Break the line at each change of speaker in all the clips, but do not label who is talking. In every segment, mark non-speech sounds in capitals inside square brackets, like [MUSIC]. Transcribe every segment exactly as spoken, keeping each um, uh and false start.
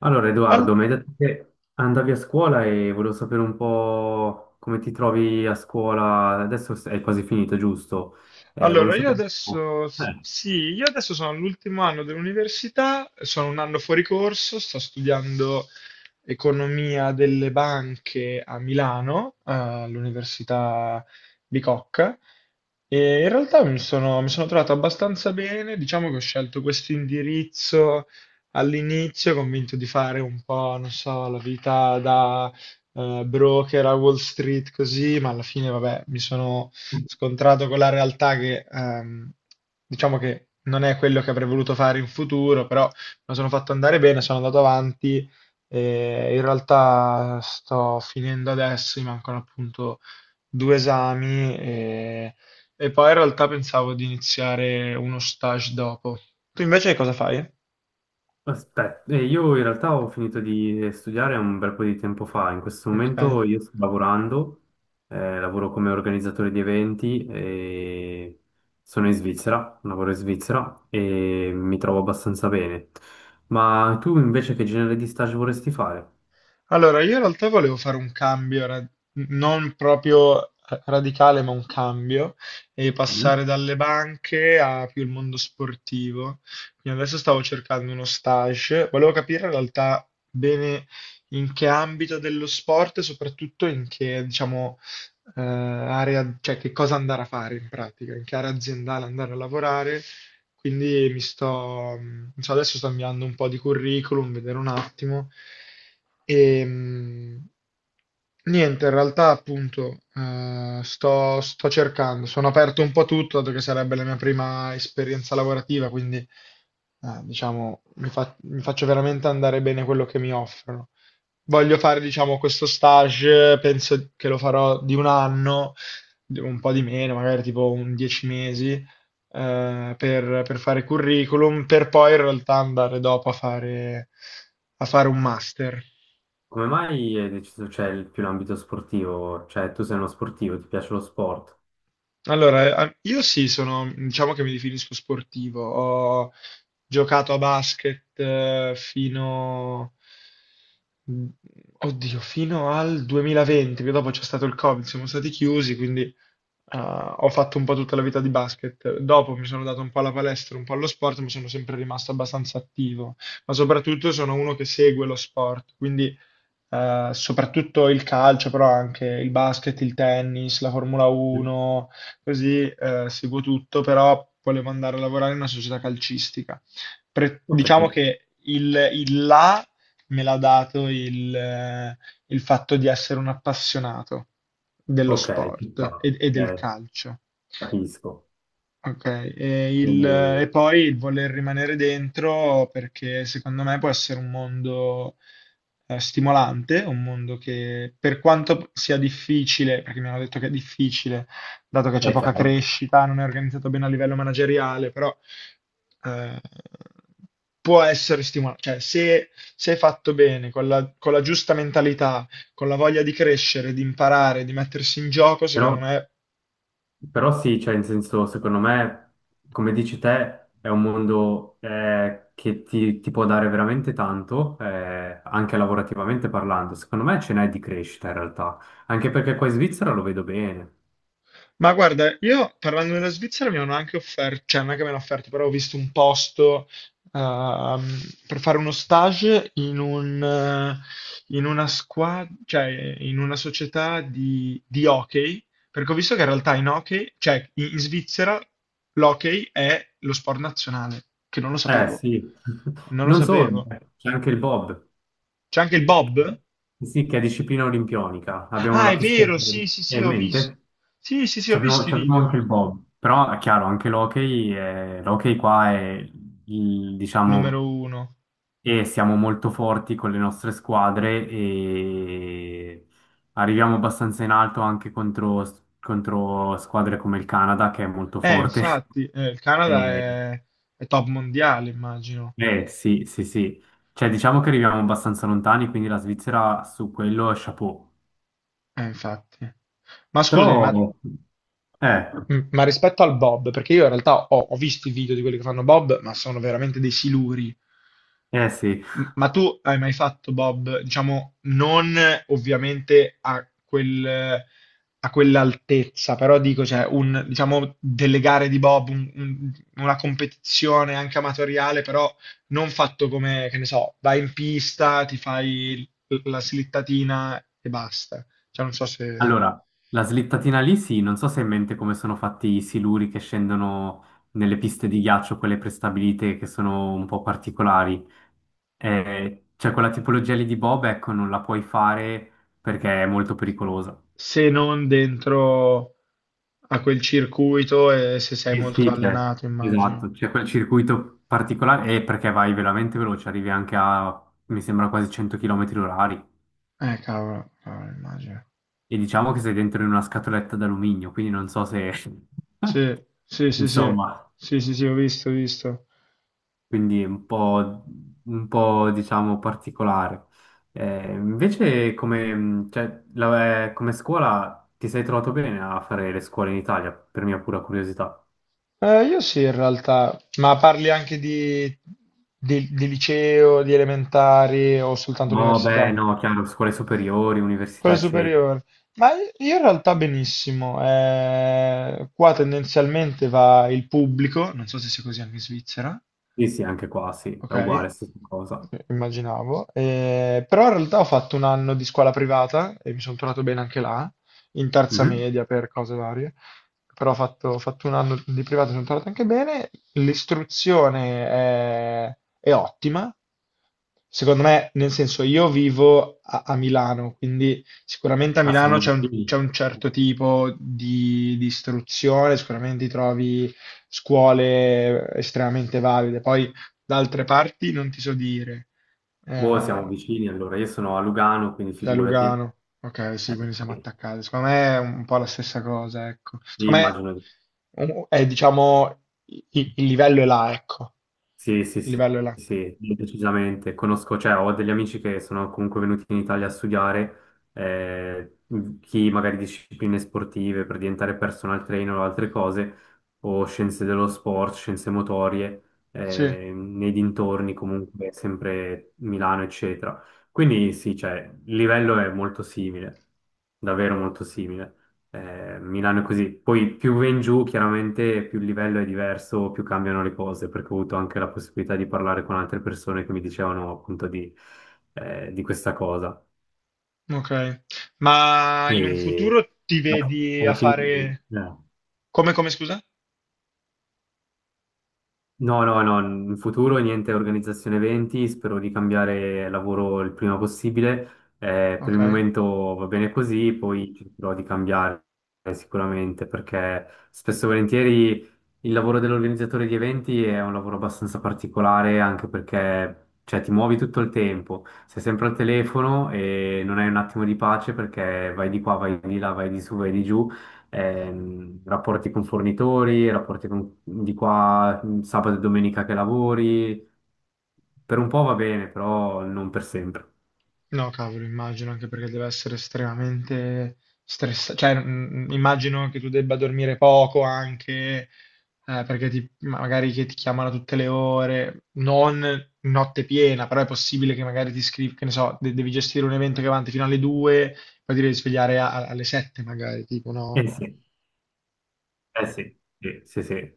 Allora,
Al-
Edoardo, mi hai detto che andavi a scuola e volevo sapere un po' come ti trovi a scuola. Adesso è quasi finito, giusto? Eh, volevo
Allora, io
sapere un po'.
adesso, s-
Eh,
sì, io adesso sono all'ultimo anno dell'università, sono un anno fuori corso, sto studiando economia delle banche a Milano, eh, all'Università Bicocca, e in realtà mi sono, mi sono trovato abbastanza bene, diciamo che ho scelto questo indirizzo all'inizio, convinto di fare un po', non so, la vita eh, broker a Wall Street così, ma alla fine, vabbè, mi sono scontrato con la realtà che ehm, diciamo che non è quello che avrei voluto fare in futuro, però mi sono fatto andare bene, sono andato avanti e in realtà sto finendo adesso, mi mancano appunto due esami e, e poi in realtà pensavo di iniziare uno stage dopo. Tu invece cosa fai?
aspetta, eh, io in realtà ho finito di studiare un bel po' di tempo fa. In questo
Ok.
momento io sto lavorando, eh, lavoro come organizzatore di eventi e sono in Svizzera, lavoro in Svizzera e mi trovo abbastanza bene. Ma tu invece che genere di stage vorresti fare?
Allora, io in realtà volevo fare un cambio, ra- non proprio radicale, ma un cambio, e passare dalle banche a più il mondo sportivo. Quindi adesso stavo cercando uno stage, volevo capire in realtà bene in che ambito dello sport e soprattutto in che, diciamo, eh, area, cioè che cosa andare a fare in pratica, in che area aziendale andare a lavorare, quindi mi sto, mh, cioè adesso sto inviando un po' di curriculum, vedere un attimo. E, mh, niente, in realtà appunto eh, sto, sto cercando, sono aperto un po' a tutto, dato che sarebbe la mia prima esperienza lavorativa, quindi eh, diciamo mi, fa- mi faccio veramente andare bene quello che mi offrono. Voglio fare, diciamo, questo stage, penso che lo farò di un anno, di- un po' di meno, magari tipo un dieci mesi eh, per, per fare curriculum, per poi in realtà andare dopo a fare, a fare un master.
Come mai hai deciso, cioè, il- più l'ambito sportivo? Cioè, tu sei uno sportivo, ti piace lo sport?
Allora, eh, io sì, sono, diciamo che mi definisco sportivo. Ho giocato a basket eh, fino, mm, oddio, fino al duemilaventi, che dopo c'è stato il Covid, siamo stati chiusi, quindi eh, ho fatto un po' tutta la vita di basket. Dopo mi sono dato un po' alla palestra, un po' allo sport, ma sono sempre rimasto abbastanza attivo. Ma soprattutto sono uno che segue lo sport, quindi eh, soprattutto il calcio, però anche il basket, il tennis, la Formula
Mm.
uno, così eh, seguo tutto, però volevo andare a lavorare in una società calcistica. Pre-
Ok,
diciamo che il, il là me l'ha dato il, eh, il fatto di essere un appassionato dello
ok, ci
sport
sta,
e, e del
eh,
calcio.
capisco.
Ok, e, il- e
E-
poi il voler rimanere dentro perché secondo me può essere un mondo eh, stimolante, un mondo che per quanto sia difficile, perché mi hanno detto che è difficile, dato che c'è
è
poca
chiaro.
crescita, non è organizzato bene a livello manageriale, però eh, può essere stimolante. Cioè, se, se è fatto bene, con la, con la giusta mentalità, con la voglia di crescere, di imparare, di mettersi in gioco,
Però,
secondo me.
però sì, cioè, in senso, secondo me, come dici te, è un mondo eh, che ti, ti può dare veramente tanto, eh, anche lavorativamente parlando. Secondo me ce n'è di crescita, in realtà. Anche perché qua in Svizzera lo vedo bene.
Ma guarda, io parlando della Svizzera mi hanno anche offerto, cioè non è che mi hanno offerto, però ho visto un posto ehm, per fare uno stage in un, eh, in una squadra, cioè in una società di, di hockey, perché ho visto che in realtà in hockey, cioè in, in Svizzera l'hockey è lo sport nazionale, che non lo
Eh,
sapevo,
sì. [LAUGHS]
non lo
Non solo,
sapevo.
c'è anche il Bob.
C'è anche il Bob?
Sì, che è disciplina olimpionica. Abbiamo
Ah,
la
è
pistola
vero, sì, sì,
è
sì,
in
ho visto.
mente.
Sì, sì, sì,
Ci
ho
abbiamo,
visto i
ci abbiamo anche
video.
il bob. Però è chiaro, anche l'hockey, è- l'hockey qua è, il- diciamo,
Numero uno.
e siamo molto forti con le nostre squadre e arriviamo abbastanza in alto anche contro, contro squadre come il Canada, che è molto
Eh,
forte. [LAUGHS]
infatti, eh, il Canada
Eh,
è, è top mondiale, immagino.
eh, sì, sì, sì. Cioè, diciamo che arriviamo abbastanza lontani, quindi la Svizzera su quello è chapeau.
Eh, infatti. Ma
Però,
scusami, ma,
eh,
m- ma rispetto al Bob, perché io in realtà ho, ho visto i video di quelli che fanno Bob, ma sono veramente dei siluri.
eh sì.
M- Ma tu hai mai fatto Bob, diciamo, non eh, ovviamente a quel, a quell'altezza, però dico, cioè, un, diciamo, delle gare di Bob, un- un- una competizione anche amatoriale, però non fatto come, che ne so, vai in pista, ti fai l- la slittatina e basta. Cioè, non so se,
Allora, la slittatina lì sì, non so se hai in mente come sono fatti i siluri che scendono nelle piste di ghiaccio, quelle prestabilite che sono un po' particolari. Eh, cioè, quella tipologia lì di Bob, ecco, non la puoi fare perché è molto pericolosa.
se non dentro a quel circuito e se sei
Eh
molto
sì, cioè,
allenato, immagino.
esatto, c'è quel circuito particolare e perché vai veramente veloce, arrivi anche a, mi sembra, quasi cento chilometri orari.
Eh, cavolo, cavolo, immagino.
E diciamo che sei dentro in una scatoletta d'alluminio, quindi non so se... [LAUGHS]
Sì, sì, sì, sì,
Insomma,
sì, sì, sì, ho visto, ho visto.
quindi è un po', un po', diciamo particolare. Eh, invece come, mh, cioè, la- eh, come scuola ti sei trovato bene a fare le scuole in Italia, per mia pura curiosità?
Eh, io sì, in realtà, ma parli anche di, di- di liceo, di elementari o soltanto
No, beh,
università?
no, chiaro, scuole superiori, università,
Quello
eccetera.
superiore. Ma io in realtà benissimo. Eh, qua tendenzialmente va il pubblico, non so se sia così anche in Svizzera.
Sì, sì, anche qua, sì, è
Ok.
uguale, stessa cosa.
Immaginavo. Eh, però in realtà ho fatto un anno di scuola privata e mi sono trovato bene anche là, in terza
Mhm.
media per cose varie, però ho fatto, ho fatto un anno di privata e sono trovato anche bene, l'istruzione è, è ottima, secondo me, nel senso io vivo a, a Milano, quindi sicuramente a
Ah,
Milano
siamo
c'è un, c'è
vicini.
un certo tipo di, di istruzione, sicuramente ti trovi scuole estremamente valide, poi da altre parti non ti so dire.
Boh, siamo
Eh,
vicini, allora, io sono a Lugano, quindi
cioè
figurati.
Lugano. Ok, sì,
Eh,
quindi siamo
sì,
attaccati. Secondo me è un po' la stessa cosa, ecco.
sì,
Secondo me
immagino.
um, è, diciamo, i- i- il livello è là, ecco.
Sì, sì,
Il
sì,
livello è là.
sì, sì, decisamente. Conosco, cioè, ho degli amici che sono comunque venuti in Italia a studiare, eh, mhmm, chi magari discipline sportive per diventare personal trainer o altre cose, o scienze dello sport, scienze motorie,
Sì,
eh, nei dintorni comunque, sempre Milano, eccetera. Quindi sì, cioè, il livello è molto simile, davvero molto simile. Eh, Milano è così. Poi più va in giù, chiaramente più il livello è diverso, più cambiano le cose, perché ho avuto anche la possibilità di parlare con altre persone che mi dicevano appunto di, eh, di questa cosa.
ok. Ma in un
E
futuro ti
alla
vedi a
alla fine,
fare...
eh.
Come, come, scusa?
No, no, no, in futuro niente organizzazione eventi, spero di cambiare lavoro il prima possibile. Eh, per
Ok.
il momento va bene così, poi cercherò di cambiare sicuramente perché spesso e volentieri il lavoro dell'organizzatore di eventi è un lavoro abbastanza particolare anche perché cioè, ti muovi tutto il tempo, sei sempre al telefono e non hai un attimo di pace perché vai di qua, vai di là, vai di su, vai di giù ehm, rapporti con fornitori, rapporti con- di qua, sabato e domenica che lavori. Per un po' va bene, però non per sempre.
No, cavolo, immagino, anche perché deve essere estremamente stressante. Cioè, mm, mm, immagino che tu debba dormire poco anche, eh, perché ti- magari che ti chiamano a tutte le ore, non notte piena, però è possibile che magari ti scrivi, che ne so, de- devi gestire un evento che va avanti fino alle due, poi ti devi svegliare a- alle sette magari, tipo,
Eh
no?
sì, eh sì, sì, sì, sì.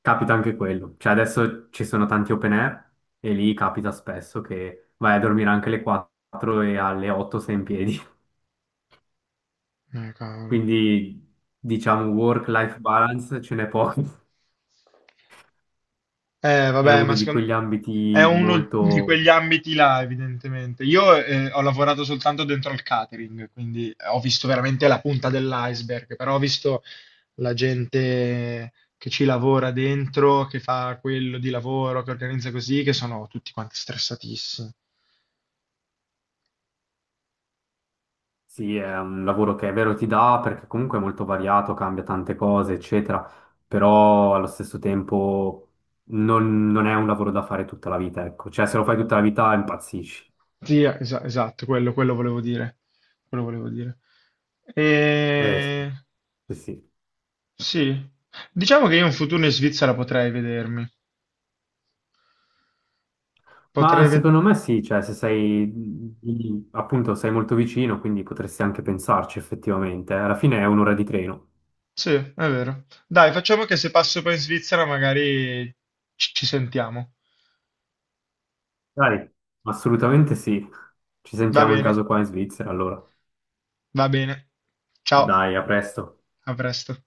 Capita anche quello. Cioè adesso ci sono tanti open air e lì capita spesso che vai a dormire anche alle quattro e alle otto sei in piedi. [LAUGHS]
Eh, cavolo.
Quindi diciamo work-life balance ce n'è poco. [LAUGHS]
Eh,
È
vabbè, ma
uno di
secondo...
quegli
è
ambiti
uno di
molto.
quegli ambiti là, evidentemente. Io eh, ho lavorato soltanto dentro il catering, quindi eh, ho visto veramente la punta dell'iceberg, però ho visto la gente che ci lavora dentro, che fa quello di lavoro, che organizza così, che sono tutti quanti stressatissimi.
Sì, è un lavoro che è vero ti dà perché comunque è molto variato, cambia tante cose, eccetera, però allo stesso tempo non, non è un lavoro da fare tutta la vita, ecco. Cioè, se lo fai tutta la vita impazzisci.
Sì, esa- esatto, quello, quello volevo dire. Quello volevo dire.
Eh, sì,
E...
sì, sì.
Sì, diciamo che io un futuro in Svizzera potrei vedermi.
Ma
Potrei vedere.
secondo me sì, cioè, se sei, lì, appunto, sei molto vicino, quindi potresti anche pensarci effettivamente. Eh. Alla fine è un'ora di treno.
Sì, è vero. Dai, facciamo che se passo poi in Svizzera magari ci ci sentiamo.
Dai, assolutamente sì. Ci
Va
sentiamo in
bene,
caso qua in Svizzera, allora.
va bene. Ciao,
Dai, a presto.
a presto.